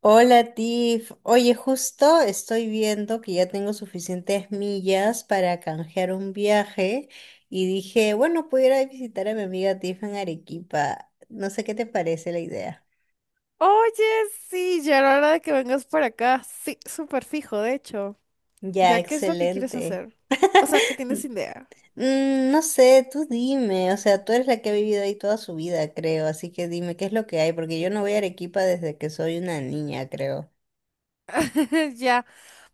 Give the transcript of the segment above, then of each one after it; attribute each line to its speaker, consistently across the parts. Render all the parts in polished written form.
Speaker 1: Hola Tiff, oye, justo estoy viendo que ya tengo suficientes millas para canjear un viaje y dije, bueno, pudiera visitar a mi amiga Tiff en Arequipa. No sé qué te parece la idea.
Speaker 2: Oye, sí, ya era hora de que vengas por acá. Sí, súper fijo, de hecho.
Speaker 1: Ya,
Speaker 2: ¿Ya qué es lo que quieres
Speaker 1: excelente.
Speaker 2: hacer? O sea, ¿qué tienes idea?
Speaker 1: No sé, tú dime, o sea, tú eres la que ha vivido ahí toda su vida, creo, así que dime qué es lo que hay, porque yo no voy a Arequipa desde que soy una niña, creo.
Speaker 2: Ya,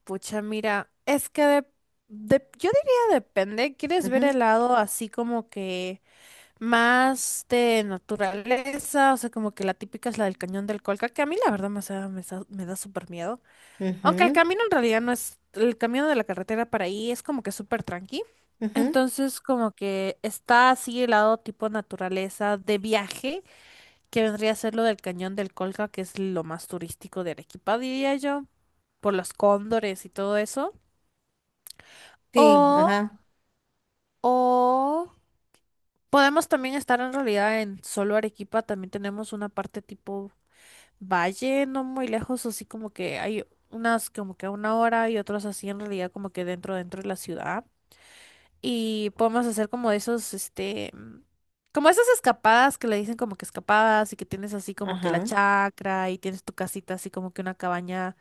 Speaker 2: pucha, mira, es que yo diría depende. ¿Quieres ver
Speaker 1: Ujú,
Speaker 2: el lado así como que más de naturaleza? O sea, como que la típica es la del cañón del Colca, que a mí la verdad me da súper miedo. Aunque el
Speaker 1: ujú,
Speaker 2: camino en realidad no es, el camino de la carretera para ahí es como que súper tranqui.
Speaker 1: ujú.
Speaker 2: Entonces como que está así el lado tipo naturaleza de viaje, que vendría a ser lo del Cañón del Colca, que es lo más turístico de Arequipa, diría yo, por los cóndores y todo eso.
Speaker 1: Sí,
Speaker 2: O,
Speaker 1: ajá,
Speaker 2: o podemos también estar en realidad en solo Arequipa, también tenemos una parte tipo valle, no muy lejos, así como que hay unas como que a una hora y otros así en realidad como que dentro de la ciudad. Y podemos hacer como esos, como esas escapadas que le dicen como que escapadas y que tienes así como que la
Speaker 1: ajá.
Speaker 2: chacra y tienes tu casita así como que una cabaña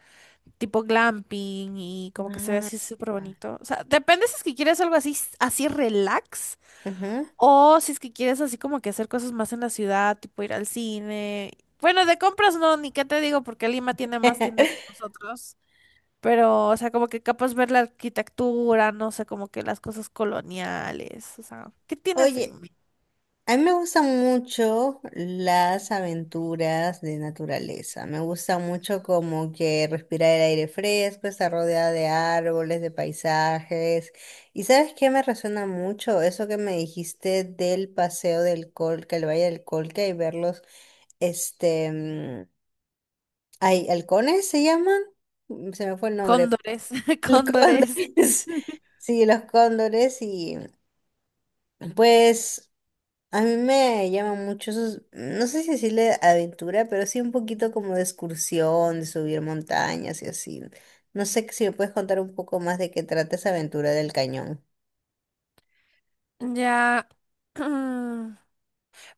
Speaker 2: tipo glamping y como que se ve
Speaker 1: Ajá,
Speaker 2: así súper bonito. O sea, depende si es que quieres algo así, así relax
Speaker 1: ujú.
Speaker 2: o si es que quieres así como que hacer cosas más en la ciudad, tipo ir al cine. Bueno, de compras no, ni qué te digo, porque Lima tiene más tiendas que nosotros. Pero, o sea, como que capaz ver la arquitectura, no sé, como que las cosas coloniales, o sea, ¿qué tienes en
Speaker 1: Oye,
Speaker 2: mente?
Speaker 1: a mí me gustan mucho las aventuras de naturaleza. Me gusta mucho como que respirar el aire fresco, estar rodeada de árboles, de paisajes. ¿Y sabes qué me resuena mucho? Eso que me dijiste del paseo del Colca, el Valle del Colca y ver los, este, mm, halcones se llaman. Se me fue el nombre.
Speaker 2: Cóndores,
Speaker 1: Los
Speaker 2: cóndores.
Speaker 1: cóndores. Sí, los cóndores y pues. A mí me llaman mucho esos, no sé si decirle aventura, pero sí un poquito como de excursión, de subir montañas y así. No sé si me puedes contar un poco más de qué trata esa aventura del cañón.
Speaker 2: Ya. mm,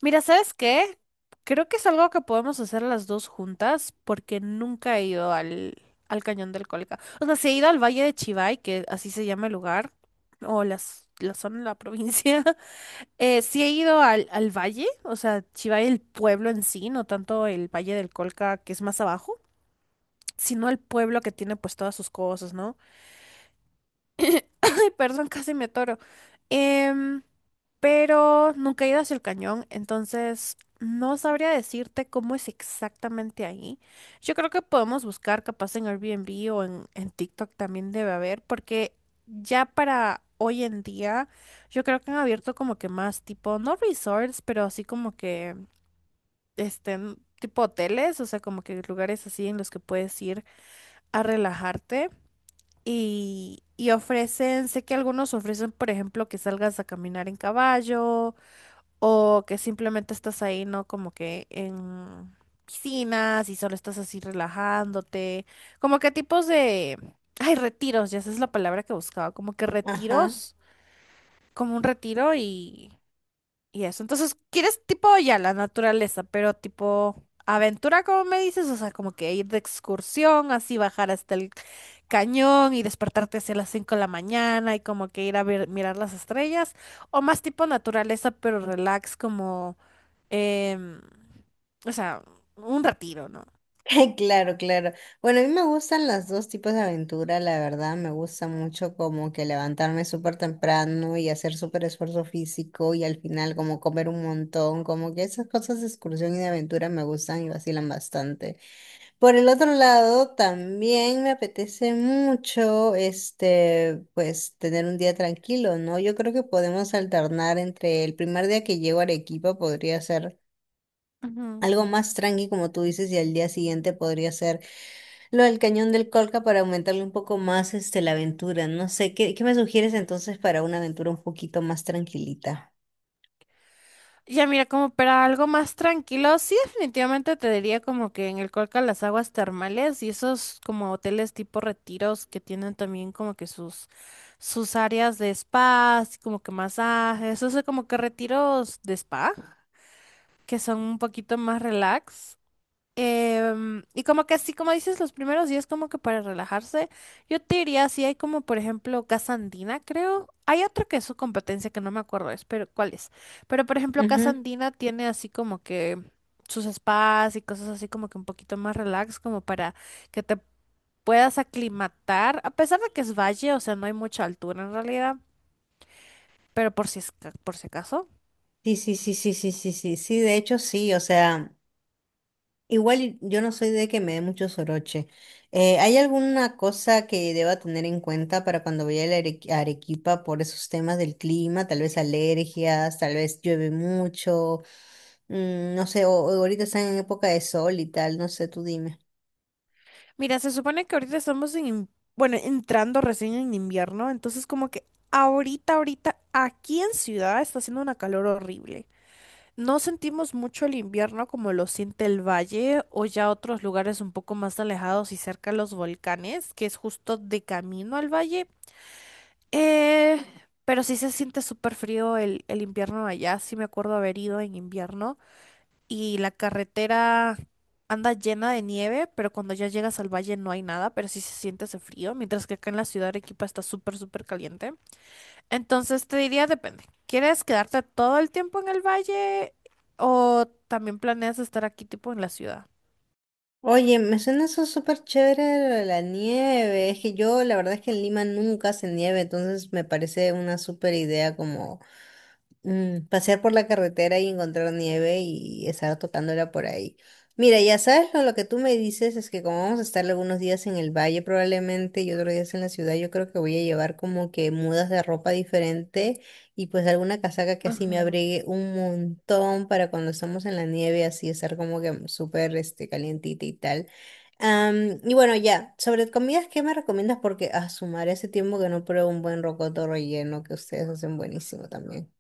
Speaker 2: Mira, ¿sabes qué? Creo que es algo que podemos hacer las dos juntas porque nunca he ido al Cañón del Colca. O sea, sí he ido al Valle de Chivay, que así se llama el lugar, o la zona, la provincia. Sí he ido al valle, o sea, Chivay el pueblo en sí, no tanto el Valle del Colca que es más abajo, sino el pueblo que tiene pues todas sus cosas, ¿no? Ay, perdón, casi me atoro. Em, pero nunca he ido hacia el cañón, entonces no sabría decirte cómo es exactamente ahí. Yo creo que podemos buscar capaz en Airbnb o en TikTok también debe haber, porque ya para hoy en día yo creo que han abierto como que más tipo, no resorts, pero así como que tipo hoteles, o sea, como que lugares así en los que puedes ir a relajarte y ofrecen, sé que algunos ofrecen, por ejemplo, que salgas a caminar en caballo o que simplemente estás ahí, ¿no? Como que en piscinas y solo estás así relajándote, como que tipos de, ay, retiros, ya esa es la palabra que buscaba, como que
Speaker 1: Ajá,
Speaker 2: retiros, como un retiro y eso. Entonces, quieres tipo ya la naturaleza, pero tipo aventura, como me dices, o sea, como que ir de excursión, así bajar hasta el cañón y despertarte hacia las 5 de la mañana y como que ir a ver, mirar las estrellas, o más tipo naturaleza, pero relax, como, em, o sea, un retiro, ¿no?
Speaker 1: claro, claro. Bueno, a mí me gustan las dos tipos de aventura, la verdad. Me gusta mucho como que levantarme súper temprano y hacer súper esfuerzo físico y al final como comer un montón, como que esas cosas de excursión y de aventura me gustan y vacilan bastante. Por el otro lado, también me apetece mucho, pues, tener un día tranquilo, ¿no? Yo creo que podemos alternar entre el primer día que llego a Arequipa podría ser
Speaker 2: Ujú.
Speaker 1: algo más tranqui, como tú dices, y al día siguiente podría ser lo del Cañón del Colca para aumentarle un poco más, la aventura. No sé, ¿qué me sugieres entonces para una aventura un poquito más tranquilita?
Speaker 2: Ya mira, como para algo más tranquilo, sí definitivamente te diría como que en el Colca las aguas termales y esos como hoteles tipo retiros que tienen también como que sus áreas de spa, así como que masajes, o sea, como que retiros de spa, que son un poquito más relax. Y como que así, como dices, los primeros días como que para relajarse, yo te diría, si hay como por ejemplo Casa Andina, creo, hay otro que es su competencia que no me acuerdo es, pero cuál es, pero por ejemplo Casa
Speaker 1: Ujú.
Speaker 2: Andina tiene así como que sus spas y cosas así como que un poquito más relax, como para que te puedas aclimatar, a pesar de que es valle, o sea, no hay mucha altura en realidad, pero por si, por si acaso.
Speaker 1: Sí, sí, sí, sí, sí, sí, sí, sí, de hecho sí, o sea. Igual yo no soy de que me dé mucho soroche. ¿Hay alguna cosa que deba tener en cuenta para cuando vaya a la a Arequipa por esos temas del clima? Tal vez alergias, tal vez llueve mucho, no sé, o ahorita están en época de sol y tal, no sé, tú dime.
Speaker 2: Mira, se supone que ahorita estamos bueno, entrando recién en invierno, entonces como que ahorita, ahorita, aquí en ciudad está haciendo una calor horrible. No sentimos mucho el invierno como lo siente el valle o ya otros lugares un poco más alejados y cerca a los volcanes, que es justo de camino al valle. Eh, pero sí se siente súper frío el invierno allá, sí me acuerdo haber ido en invierno y la carretera anda llena de nieve, pero cuando ya llegas al valle no hay nada, pero sí se siente ese frío, mientras que acá en la ciudad de Arequipa está súper, súper caliente. Entonces te diría, depende. ¿Quieres quedarte todo el tiempo en el valle o también planeas estar aquí tipo en la ciudad?
Speaker 1: Oye, me suena eso súper chévere lo de la nieve. Es que yo la verdad es que en Lima nunca hace nieve, entonces me parece una súper idea como... pasear por la carretera y encontrar nieve y estar tocándola por ahí. Mira, ya sabes, lo que tú me dices es que como vamos a estar algunos días en el valle probablemente y otros días en la ciudad, yo creo que voy a llevar como que mudas de ropa diferente y pues alguna casaca que así me
Speaker 2: Ajá.
Speaker 1: abrigue un montón para cuando estamos en la nieve, así estar como que súper calientita y tal. Y bueno, ya, sobre comidas, ¿qué me recomiendas? Porque a sumar ese tiempo que no pruebo un buen rocoto relleno que ustedes hacen buenísimo también.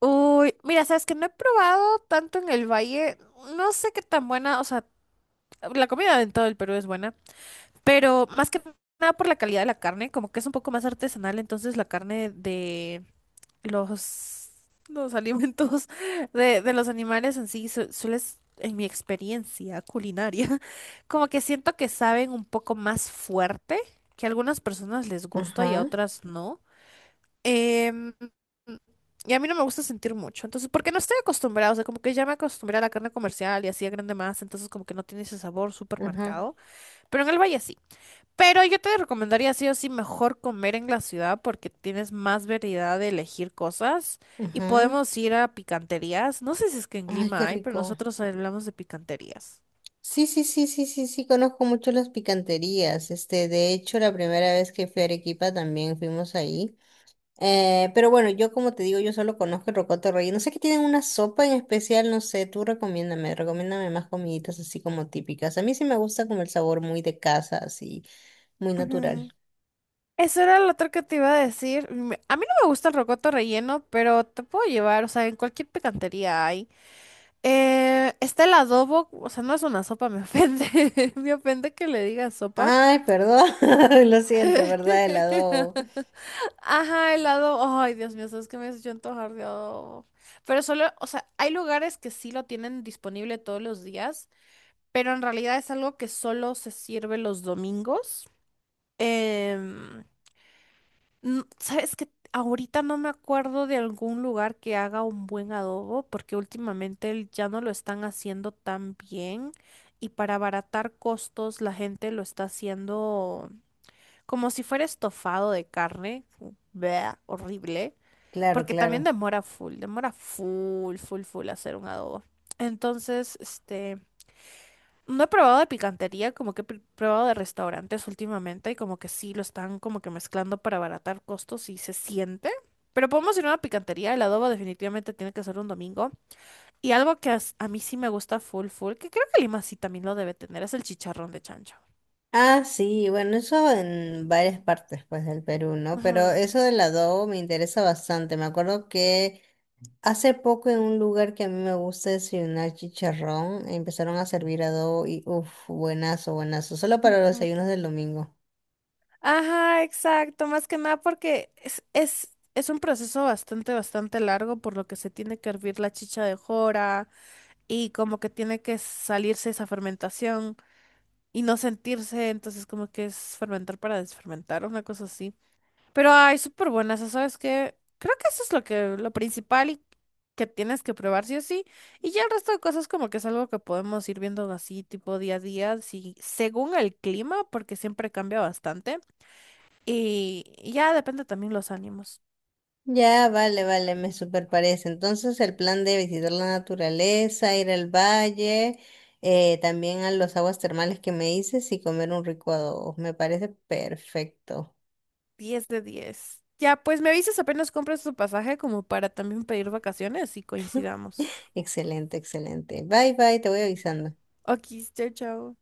Speaker 2: Uy, mira, sabes que no he probado tanto en el valle, no sé qué tan buena, o sea, la comida en todo el Perú es buena, pero más que nada por la calidad de la carne, como que es un poco más artesanal, entonces la carne de los, los alimentos de los animales en sí sueles, en mi experiencia culinaria, como que siento que saben un poco más fuerte, que a algunas personas les gusta y a
Speaker 1: Ajá,
Speaker 2: otras no. Em, y a mí no me gusta sentir mucho, entonces, porque no estoy acostumbrada, o sea, como que ya me acostumbré a la carne comercial y así a grande más, entonces como que no tiene ese sabor súper
Speaker 1: ajá,
Speaker 2: marcado, pero en el valle sí. Pero yo te recomendaría sí o sí mejor comer en la ciudad porque tienes más variedad de elegir cosas y
Speaker 1: ajá.
Speaker 2: podemos ir a picanterías. No sé si es que en
Speaker 1: Ay, qué
Speaker 2: Lima hay, pero
Speaker 1: rico.
Speaker 2: nosotros hablamos de picanterías.
Speaker 1: Sí, sí, sí, sí, sí, sí, conozco mucho las picanterías. De hecho, la primera vez que fui a Arequipa también fuimos ahí. Pero bueno, yo como te digo, yo solo conozco el rocoto relleno. No sé que tienen una sopa en especial, no sé, tú recomiéndame, recomiéndame más comiditas así como típicas. A mí sí me gusta como el sabor muy de casa, así, muy natural.
Speaker 2: Ujú. Eso era lo otro que te iba a decir. A mí no me gusta el rocoto relleno, pero te puedo llevar, o sea, en cualquier picantería hay. Está el adobo, o sea, no es una sopa, me ofende. Me ofende que le diga sopa.
Speaker 1: Ay, perdón, lo siento, ¿verdad? El adobo.
Speaker 2: Ajá, el adobo. Ay, Dios mío, sabes que me has hecho antojar de adobo. Pero solo, o sea, hay lugares que sí lo tienen disponible todos los días, pero en realidad es algo que solo se sirve los domingos. Em, ¿Sabes qué? Ahorita no me acuerdo de algún lugar que haga un buen adobo, porque últimamente ya no lo están haciendo tan bien y para abaratar costos la gente lo está haciendo como si fuera estofado de carne. Bleh, horrible,
Speaker 1: Claro,
Speaker 2: porque también
Speaker 1: claro.
Speaker 2: demora full, full, full hacer un adobo. Entonces, no he probado de picantería, como que he probado de restaurantes últimamente y como que sí lo están como que mezclando para abaratar costos y se siente. Pero podemos ir a una picantería, el adobo definitivamente tiene que ser un domingo. Y algo que a mí sí me gusta full full, que creo que Lima sí también lo debe tener, es el chicharrón de chancho.
Speaker 1: Ah, sí, bueno, eso en varias partes pues del Perú, ¿no? Pero
Speaker 2: Ajá.
Speaker 1: eso del adobo me interesa bastante. Me acuerdo que hace poco en un lugar que a mí me gusta desayunar chicharrón, empezaron a servir adobo y uff, buenazo, buenazo, solo para los
Speaker 2: Ujú.
Speaker 1: desayunos del domingo.
Speaker 2: Ajá, exacto, más que nada porque es un proceso bastante, bastante largo por lo que se tiene que hervir la chicha de jora y como que tiene que salirse esa fermentación. Y no sentirse, entonces como que es fermentar para desfermentar, una cosa así. Pero hay súper buenas, ¿sabes qué? Creo que eso es lo principal y que tienes que probar sí o sí. Y ya el resto de cosas como que es algo que podemos ir viendo así, tipo día a día, si, según el clima, porque siempre cambia bastante. Y ya depende también los ánimos.
Speaker 1: Ya, vale, vale, me super parece. Entonces el plan de visitar la naturaleza, ir al valle, también a los aguas termales que me dices y comer un rico adobo, me parece perfecto.
Speaker 2: 10 de 10. Ya, pues me avisas apenas compras tu pasaje como para también pedir vacaciones y coincidamos.
Speaker 1: Excelente, excelente. Bye, bye, te voy avisando.
Speaker 2: Ok, chao, chao.